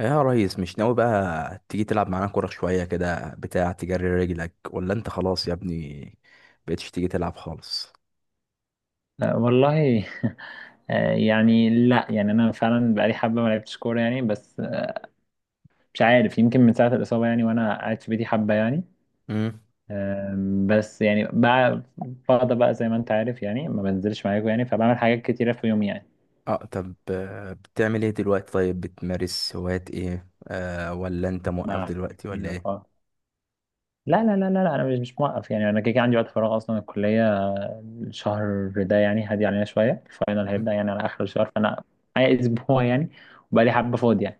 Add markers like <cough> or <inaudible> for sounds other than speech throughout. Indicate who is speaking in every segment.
Speaker 1: يا ريس، مش ناوي بقى تيجي تلعب معانا كورة شوية كده، بتاع تجري رجلك، ولا انت خلاص يا ابني بقيتش تيجي تلعب خالص؟
Speaker 2: آه، والله <laughs> آه، يعني لا يعني انا فعلا بقالي حبه ما لعبتش كوره يعني بس مش عارف يمكن من ساعه الاصابه يعني وانا قاعد في بيتي حبه يعني.
Speaker 1: امم.
Speaker 2: بس يعني بقى فاضي بقى زي ما انت عارف يعني ما بنزلش معاكم يعني، فبعمل حاجات كتيره في يوم يعني.
Speaker 1: اه، طب بتعمل ايه دلوقتي؟ طيب، بتمارس هوايات ايه؟ ولا انت موقف
Speaker 2: مع
Speaker 1: دلوقتي ولا ايه؟
Speaker 2: لا لا لا لا لا، انا مش موقف يعني، انا كده كده عندي وقت فراغ اصلا. الكليه الشهر ده يعني هادي علينا شويه، الفاينل
Speaker 1: مم.
Speaker 2: هيبدا يعني على اخر الشهر، فانا معايا <laughs> اسبوع يعني، وبقى لي حبه فاضي يعني.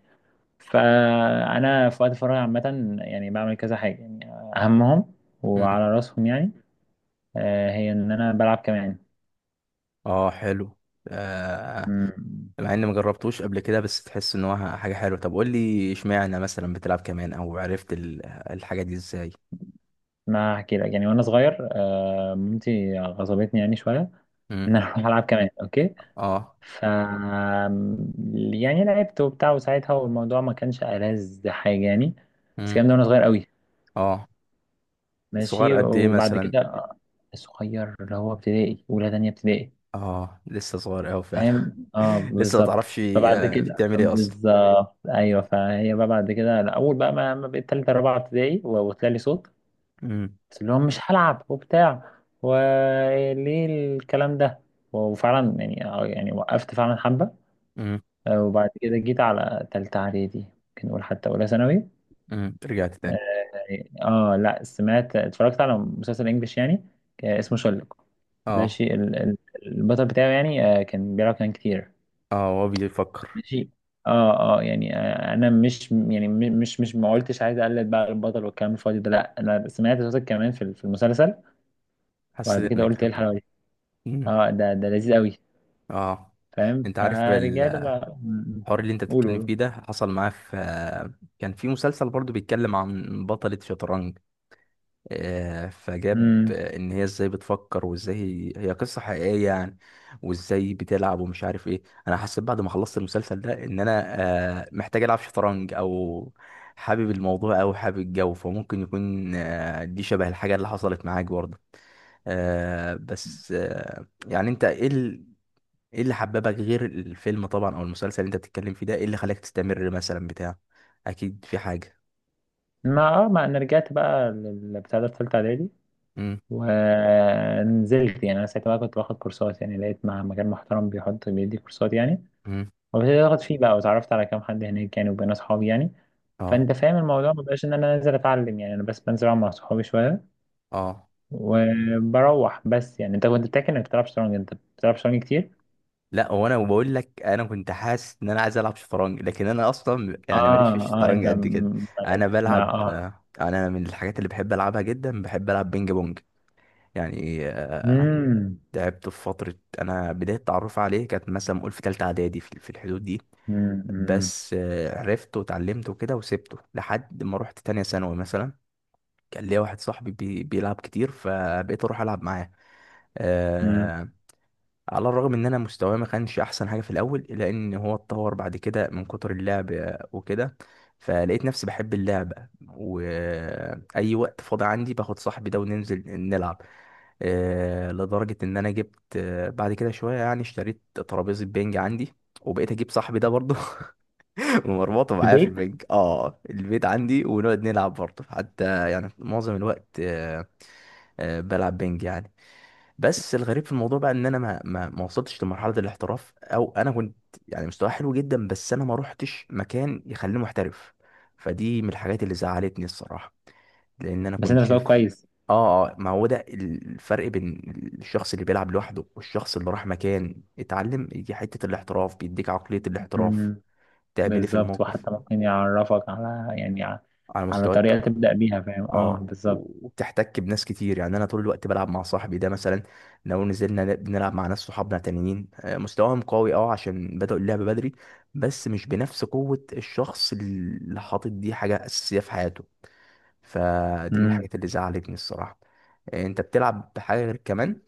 Speaker 2: فانا في وقت فراغي عامه يعني بعمل كذا حاجه يعني. اهمهم
Speaker 1: مم.
Speaker 2: وعلى راسهم يعني هي ان انا بلعب كمان.
Speaker 1: اه، حلو. آه.
Speaker 2: مم.
Speaker 1: مع اني مجربتوش قبل كده بس تحس ان هو حاجة حلوة. طب قول لي، اشمعنى مثلا بتلعب كمان؟ او عرفت الحاجة دي ازاي؟
Speaker 2: ما هحكي لك، يعني وانا صغير مامتي غصبتني يعني شويه ان
Speaker 1: امم.
Speaker 2: انا <laughs> اروح العب كمان. اوكي،
Speaker 1: اه.
Speaker 2: ف يعني لعبت وبتاع، وساعتها والموضوع ما كانش ألذ حاجه يعني. بس
Speaker 1: امم.
Speaker 2: الكلام ده وانا صغير قوي.
Speaker 1: اه، صغير
Speaker 2: ماشي،
Speaker 1: قد ايه
Speaker 2: وبعد
Speaker 1: مثلا؟
Speaker 2: كده صغير اللي هو ابتدائي، اولى تانية ابتدائي.
Speaker 1: اه، لسه صغير اوي فعلا.
Speaker 2: فاهم، اه
Speaker 1: <laughs> لسه ما
Speaker 2: بالظبط.
Speaker 1: تعرفش
Speaker 2: فبعد كده
Speaker 1: بتعمل ايه اصلا.
Speaker 2: بالظبط، ايوه. فهي بقى بعد كده أنا اول بقى ما بقيت تالتة رابعة ابتدائي، و- وطلع لي صوت.
Speaker 1: امم.
Speaker 2: قلت لهم مش هلعب وبتاع، وليه الكلام ده. وفعلا يعني، يعني وقفت فعلا حبة.
Speaker 1: امم.
Speaker 2: وبعد كده جيت على تالتة اعدادي، ممكن نقول حتى اولى ثانوي.
Speaker 1: رجعت تاني؟
Speaker 2: اه، لا، سمعت اتفرجت على مسلسل انجلش يعني اسمه شلق.
Speaker 1: اه،
Speaker 2: ماشي البطل بتاعه يعني كان بيلعب كان كتير.
Speaker 1: اه، هو بيفكر.
Speaker 2: ماشي. اه اه يعني، انا مش يعني مش ما قلتش عايز اقلد بقى البطل والكلام الفاضي ده، لا انا سمعت صوتك كمان في المسلسل. وبعد
Speaker 1: حسيت
Speaker 2: كده
Speaker 1: انك
Speaker 2: قلت، ايه
Speaker 1: حبيت.
Speaker 2: الحلاوه دي؟
Speaker 1: امم.
Speaker 2: اه، ده لذيذ قوي.
Speaker 1: اه،
Speaker 2: فاهم،
Speaker 1: انت عارف
Speaker 2: فرجعت
Speaker 1: الحوار
Speaker 2: بقى م- م.
Speaker 1: اللي انت
Speaker 2: قولوا
Speaker 1: بتتكلم
Speaker 2: قولوا.
Speaker 1: فيه ده حصل معاه في، كان في مسلسل برضو بيتكلم عن بطلة شطرنج. فجاب
Speaker 2: امم.
Speaker 1: ان هي ازاي بتفكر، وازاي هي قصة حقيقية يعني، وازاي بتلعب ومش عارف ايه. انا حسيت بعد ما خلصت المسلسل ده ان انا محتاج العب شطرنج، او حابب الموضوع او حابب الجو، فممكن يكون دي شبه الحاجة اللي حصلت معاك برضه. بس يعني ايه اللي حببك غير الفيلم طبعا، او المسلسل اللي انت بتتكلم فيه ده، ايه اللي خلاك تستمر مثلا بتاع؟ اكيد في حاجة.
Speaker 2: ما انا رجعت بقى للبتاع ده في ثالثه اعدادي.
Speaker 1: امم.
Speaker 2: ونزلت، يعني انا ساعتها بقى كنت باخد كورسات يعني، لقيت مع مكان محترم بيحط بيدي كورسات يعني،
Speaker 1: امم.
Speaker 2: وابتديت اخد فيه بقى، واتعرفت على كام حد هناك يعني، وبقينا اصحاب يعني.
Speaker 1: اه.
Speaker 2: فانت فاهم الموضوع ما بقاش ان انا نازل اتعلم يعني، انا بس بنزل العب مع صحابي شويه
Speaker 1: اه،
Speaker 2: وبروح بس، يعني انت كنت بتحكي انك بتلعب شطرنج، انت بتلعب شطرنج كتير؟
Speaker 1: لا، وانا بقول لك انا كنت حاسس ان انا عايز العب شطرنج، لكن انا اصلا يعني ماليش في
Speaker 2: اه اه،
Speaker 1: الشطرنج
Speaker 2: انت
Speaker 1: قد كده.
Speaker 2: ما
Speaker 1: انا
Speaker 2: لعبتش مع
Speaker 1: بلعب آه، انا من الحاجات اللي بحب العبها جدا بحب العب بينج بونج. يعني
Speaker 2: امم.
Speaker 1: لعبته في فتره. انا بدايه تعرف عليه كانت مثلا قول في تالتة اعدادي، في الحدود دي.
Speaker 2: امم.
Speaker 1: بس عرفته وتعلمته كده وسبته لحد ما رحت تانية ثانوي مثلا. كان ليا واحد صاحبي بيلعب كتير، فبقيت اروح العب معاه.
Speaker 2: امم.
Speaker 1: آه، على الرغم ان انا مستواه ما كانش احسن حاجه في الاول، الا ان هو اتطور بعد كده من كتر اللعب وكده. فلقيت نفسي بحب اللعبه، واي وقت فاضي عندي باخد صاحبي ده وننزل نلعب. لدرجه ان انا جبت بعد كده شويه يعني اشتريت ترابيزه بينج عندي، وبقيت اجيب صاحبي ده برضه. <laughs> ومربوطه
Speaker 2: في
Speaker 1: معايا في
Speaker 2: البيت.
Speaker 1: البنج اه البيت عندي، ونقعد نلعب برضه، حتى يعني معظم الوقت بلعب بنج يعني. بس الغريب في الموضوع بقى ان انا ما وصلتش لمرحله الاحتراف، او انا كنت يعني مستواي حلو جدا، بس انا ما روحتش مكان يخليني محترف. فدي من الحاجات اللي زعلتني الصراحه، لان انا
Speaker 2: بس
Speaker 1: كنت
Speaker 2: انت مستواك
Speaker 1: شايف.
Speaker 2: كويس.
Speaker 1: اه، اه، ما هو ده الفرق بين الشخص اللي بيلعب لوحده والشخص اللي راح مكان اتعلم، يجي حته الاحتراف بيديك عقليه الاحتراف
Speaker 2: امم.
Speaker 1: تعمل ايه في
Speaker 2: بالظبط،
Speaker 1: الموقف.
Speaker 2: وحتى ممكن يعرفك على يعني،
Speaker 1: على
Speaker 2: على
Speaker 1: مستويات.
Speaker 2: طريقه تبدا بيها. فاهم، اه
Speaker 1: اه،
Speaker 2: بالظبط.
Speaker 1: وبتحتك بناس كتير. يعني انا طول الوقت بلعب مع صاحبي ده مثلا، لو نزلنا بنلعب مع ناس صحابنا تانيين مستواهم قوي، اه، عشان بدأوا اللعبة بدري، بس مش بنفس قوة الشخص اللي حاطط دي حاجة أساسية في حياته. فدي من الحاجات اللي زعلتني الصراحة. انت بتلعب بحاجة غير كمان؟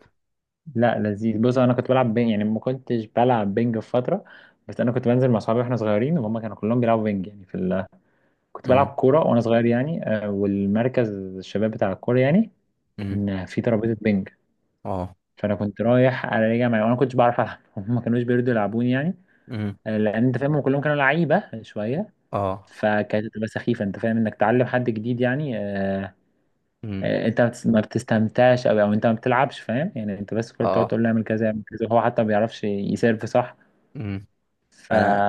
Speaker 2: لا لذيذ، بص انا كنت بلعب بينج يعني، ما كنتش بلعب بينج في فتره. بس انا كنت بنزل مع صحابي واحنا صغيرين، وهم كانوا كلهم بيلعبوا بينج يعني كنت بلعب
Speaker 1: امم.
Speaker 2: كوره وانا صغير يعني والمركز الشباب بتاع الكوره يعني،
Speaker 1: امم.
Speaker 2: كان في ترابيزه بينج.
Speaker 1: اه.
Speaker 2: فانا كنت رايح راجع معايا، وانا ما كنتش بعرف العب <laughs> هم ما كانوش بيرضوا يلعبوني يعني
Speaker 1: امم.
Speaker 2: لان انت فاهم هم كلهم كانوا لعيبه شويه.
Speaker 1: اه.
Speaker 2: فكانت بتبقى سخيفه، انت فاهم انك تعلم حد جديد يعني،
Speaker 1: امم.
Speaker 2: انت ما بتستمتعش او انت ما بتلعبش، فاهم يعني انت بس كل بتقعد
Speaker 1: اه.
Speaker 2: تقول له اعمل كذا اعمل كذا، وهو حتى ما بيعرفش يسيرف صح.
Speaker 1: امم.
Speaker 2: فا
Speaker 1: انا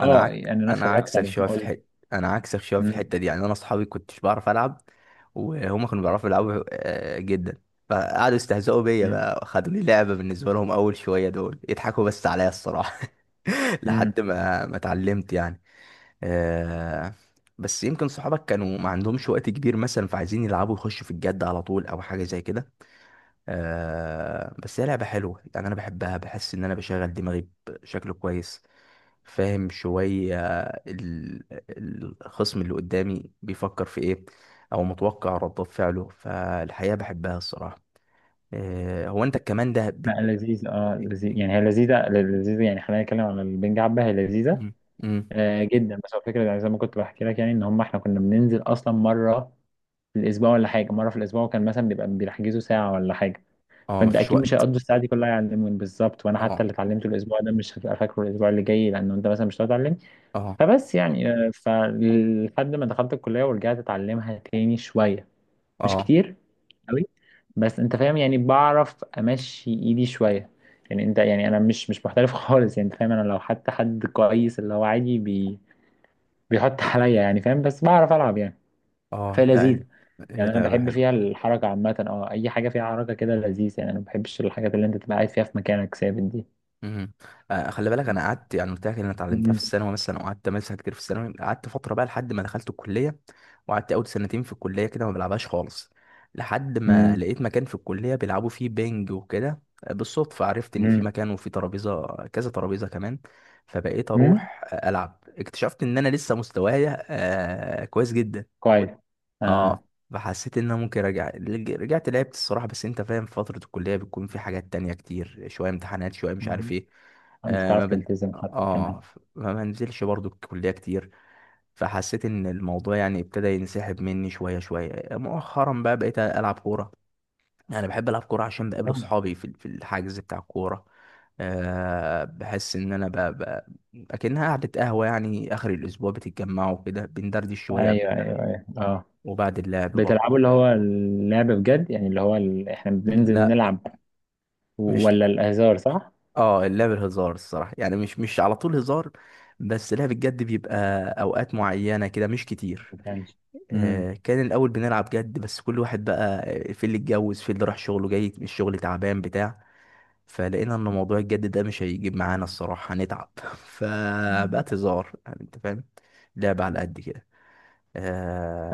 Speaker 2: اه يعني انا
Speaker 1: انا
Speaker 2: اتفرجت
Speaker 1: عكسك
Speaker 2: عليهم،
Speaker 1: شويه في
Speaker 2: قول لي.
Speaker 1: الحته. انا عكسك شويه في
Speaker 2: مم.
Speaker 1: الحته دي، يعني انا اصحابي كنتش بعرف العب، وهما كانوا بيعرفوا يلعبوا جدا. فقعدوا يستهزئوا بيا
Speaker 2: مم.
Speaker 1: بقى، خدوا لي لعبه بالنسبه لهم، اول شويه دول يضحكوا بس عليا الصراحه. <laughs>
Speaker 2: مم.
Speaker 1: لحد ما اتعلمت يعني. آه، بس يمكن صحابك كانوا ما عندهمش وقت كبير مثلا، فعايزين يلعبوا يخشوا في الجد على طول او حاجه زي كده. بس هي لعبه حلوه، يعني انا بحبها، بحس ان انا بشغل دماغي بشكل كويس. فاهم شوية ال- الخصم اللي قدامي بيفكر في ايه، او متوقع ردات فعله، فالحقيقة بحبها الصراحة. هو انت كمان ده
Speaker 2: لا لذيذ، لذيذ يعني، هي لذيذه لذيذه يعني. خلينا نتكلم عن البنج حبه، هي لذيذه
Speaker 1: مم. مم.
Speaker 2: جدا. بس هو الفكره يعني، زي ما كنت بحكي لك يعني، ان هم احنا كنا بننزل اصلا مره في الاسبوع، ولا حاجه، مره في الاسبوع. وكان مثلا بيبقى بيحجزوا ساعه ولا حاجه،
Speaker 1: اه،
Speaker 2: فانت
Speaker 1: مفيش
Speaker 2: اكيد مش
Speaker 1: وقت.
Speaker 2: هيقضوا الساعه دي كلها يعلموني بالظبط. وانا حتى
Speaker 1: اه،
Speaker 2: اللي اتعلمته الاسبوع ده مش هبقى فاكره الاسبوع اللي جاي، لانه انت مثلا مش هتعلمني.
Speaker 1: اه،
Speaker 2: فبس يعني، فلحد ما دخلت الكليه ورجعت اتعلمها تاني شويه، مش
Speaker 1: اه،
Speaker 2: كتير قوي. بس انت فاهم يعني بعرف امشي ايدي شويه يعني، انت يعني انا مش محترف <laughs> خالص يعني. انت فاهم انا لو حتى حد كويس اللي هو عادي بيحط عليا، يعني فاهم بس بعرف العب يعني.
Speaker 1: اه، لا،
Speaker 2: فلذيذة.
Speaker 1: هي
Speaker 2: يعني انا
Speaker 1: لعبة
Speaker 2: بحب
Speaker 1: حلوة.
Speaker 2: فيها الحركة عامة، اه اي حاجة فيها حركة كده لذيذ يعني، انا ما بحبش الحاجات اللي انت تبقى قاعد فيها في مكانك ثابت دي.
Speaker 1: مهم. خلي بالك، انا قعدت يعني قلت لك ان انا اتعلمتها في
Speaker 2: مم.
Speaker 1: الثانوي مثلا، وقعدت امارسها كتير في الثانوي، قعدت فتره بقى لحد ما دخلت الكليه، وقعدت اول سنتين في الكليه كده ما بلعبهاش خالص، لحد ما
Speaker 2: مم.
Speaker 1: لقيت مكان في الكليه بيلعبوا فيه بينج وكده. بالصدفه عرفت ان في
Speaker 2: مم.
Speaker 1: مكان وفي ترابيزه، كذا ترابيزه كمان. فبقيت
Speaker 2: مم.
Speaker 1: اروح العب، اكتشفت ان انا لسه مستوايا كويس جدا.
Speaker 2: كويس، اه.
Speaker 1: اه. فحسيت ان انا ممكن ارجع رجعت لعبت الصراحه، بس انت فاهم فتره الكليه بتكون في حاجات تانية كتير، شويه امتحانات شويه مش عارف
Speaker 2: مم.
Speaker 1: ايه.
Speaker 2: مش
Speaker 1: آه ما
Speaker 2: هتعرف
Speaker 1: بن...
Speaker 2: تلتزم حتى كمان.
Speaker 1: اه، ما بنزلش برضو الكليه كتير. فحسيت ان الموضوع يعني ابتدى ينسحب مني شويه شويه مؤخرا، بقى بقيت العب كوره. انا بحب العب كوره عشان بقابل
Speaker 2: مم.
Speaker 1: اصحابي في الحجز بتاع الكوره. أه، بحس ان انا اكنها قعده قهوه. يعني اخر الاسبوع بتتجمعوا كده بندردش شويه قبل
Speaker 2: ايوه
Speaker 1: اللعب،
Speaker 2: ايوه ايوه، اه.
Speaker 1: وبعد اللعب برضه.
Speaker 2: بتلعبوا اللي هو اللعب بجد يعني، اللي هو احنا بننزل
Speaker 1: لا،
Speaker 2: نلعب،
Speaker 1: مش
Speaker 2: ولا الهزار صح؟
Speaker 1: اه اللعبة هزار الصراحة، يعني مش على طول هزار. بس لعب الجد بيبقى اوقات معينة كده مش كتير.
Speaker 2: ما كانش. مم.
Speaker 1: كان الاول بنلعب جد، بس كل واحد بقى في اللي اتجوز، في اللي راح شغله جاي من الشغل تعبان بتاع. فلقينا ان موضوع الجد ده مش هيجيب معانا الصراحة، هنتعب. <laughs> فبقت هزار، يعني انت فاهم، لعبة على قد كده.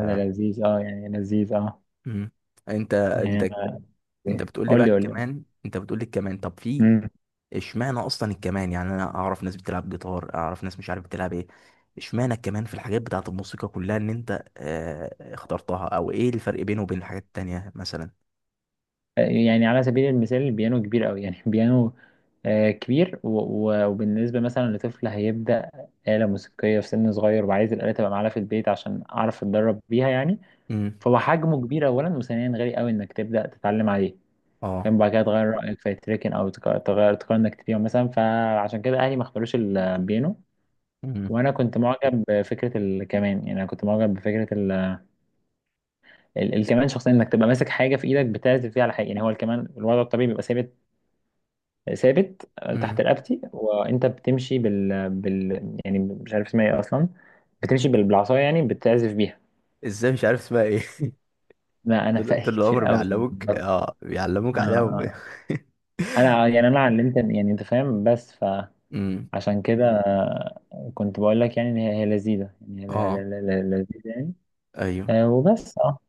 Speaker 2: هذا لذيذ، اه يعني لذيذ، اه
Speaker 1: مم. انت
Speaker 2: يعني
Speaker 1: انت انت بتقول لي
Speaker 2: قول
Speaker 1: بقى
Speaker 2: لي قول
Speaker 1: كمان، انت بتقول لي كمان، طب في
Speaker 2: لي.
Speaker 1: اشمعنى اصلا الكمان؟ يعني انا اعرف ناس بتلعب جيتار، اعرف ناس مش عارف بتلعب ايه. اشمعنى الكمان في الحاجات بتاعت الموسيقى كلها ان انت اخترتها، او ايه الفرق بينه وبين الحاجات التانية مثلا؟
Speaker 2: يعني على سبيل المثال البيانو كبير قوي يعني <laughs> بيانو كبير، وبالنسبة مثلا لطفل هيبدأ آلة موسيقية في سن صغير، وعايز الآلة تبقى معاه في البيت عشان أعرف أتدرب بيها يعني.
Speaker 1: امم.
Speaker 2: فهو حجمه كبير أولا، وثانيا غالي قوي إنك تبدأ تتعلم عليه. فاهم،
Speaker 1: اه.
Speaker 2: بعد كده تغير رأيك فيتركن، أو تق- تغير تقرر إنك تبيعه مثلا، فعشان كده أهلي ما اختاروش البيانو.
Speaker 1: امم.
Speaker 2: وأنا كنت معجب بفكرة الكمان يعني، أنا كنت معجب بفكرة الكمان شخصيا، إنك تبقى ماسك حاجة في إيدك بتعزف فيها على حاجة يعني. هو الكمان الوضع الطبيعي بيبقى ثابت تحت
Speaker 1: امم.
Speaker 2: رقبتي، وانت بتمشي يعني مش عارف اسمها ايه اصلا، بتمشي بالعصايه يعني بتعزف بيها.
Speaker 1: ازاي مش عارف اسمها ايه؟ <laughs>
Speaker 2: لا انا
Speaker 1: طول
Speaker 2: فايق
Speaker 1: طول
Speaker 2: كتير
Speaker 1: العمر
Speaker 2: قوي يعني،
Speaker 1: بيعلموك، اه، بيعلموك
Speaker 2: آه
Speaker 1: عليها <laughs>
Speaker 2: آه. انا يعني انا علمت، يعني انت فاهم بس،
Speaker 1: امم.
Speaker 2: فعشان كده كنت بقول لك يعني ان هي هي لذيذه يعني، هي
Speaker 1: اه.
Speaker 2: لذيذه يعني.
Speaker 1: ايوه.
Speaker 2: وبس، اه.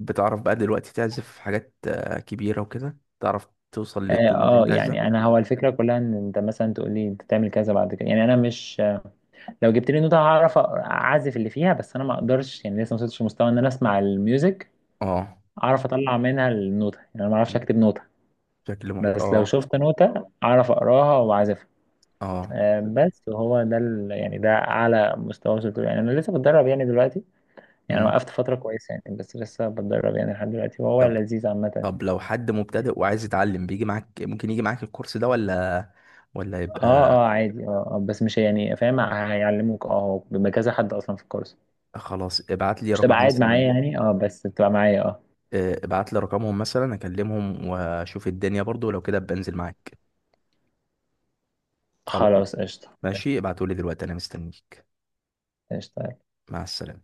Speaker 1: بتعرف بقى دلوقتي تعزف حاجات كبيرة وكده؟ تعرف توصل
Speaker 2: اه،
Speaker 1: للتون اللي انت عايزها؟
Speaker 2: يعني انا هو الفكره كلها ان انت مثلا تقول لي انت تعمل كذا بعد كده يعني، انا مش لو جبت لي نوتة هعرف اعزف اللي فيها. بس انا ما اقدرش يعني، لسه ما وصلتش لمستوى ان انا اسمع الميوزك
Speaker 1: اه.
Speaker 2: اعرف اطلع منها النوتة، يعني انا ما اعرفش
Speaker 1: مم.
Speaker 2: اكتب نوتة.
Speaker 1: شكل محت
Speaker 2: بس لو
Speaker 1: اه،
Speaker 2: شفت نوتة اعرف اقراها واعزفها.
Speaker 1: اه.
Speaker 2: بس هو ده يعني ده اعلى مستوى وصلت له يعني، انا لسه بتدرب يعني دلوقتي. يعني أنا
Speaker 1: مم.
Speaker 2: وقفت فترة كويسة يعني، بس لسه بتدرب يعني لحد دلوقتي، وهو
Speaker 1: طب،
Speaker 2: لذيذ عامة.
Speaker 1: لو حد مبتدئ وعايز يتعلم بيجي معاك؟ ممكن يجي معاك الكورس ده ولا
Speaker 2: اه،
Speaker 1: يبقى...
Speaker 2: اه عادي، اه بس مش يعني فاهم، هيعلموك اه. هو بيبقى كذا حد اصلا في الكورس،
Speaker 1: خلاص، ابعت لي
Speaker 2: مش تبقى
Speaker 1: رقم
Speaker 2: قاعد معايا
Speaker 1: مثلا.
Speaker 2: يعني، اه بس بتبقى معايا اه.
Speaker 1: ابعت لي رقمهم مثلا اكلمهم واشوف الدنيا برضو، لو كده بنزل معاك. خلاص،
Speaker 2: خلاص، قشطة قشطة.
Speaker 1: ماشي، ابعتولي دلوقتي انا مستنيك.
Speaker 2: قشطة.
Speaker 1: مع السلامة.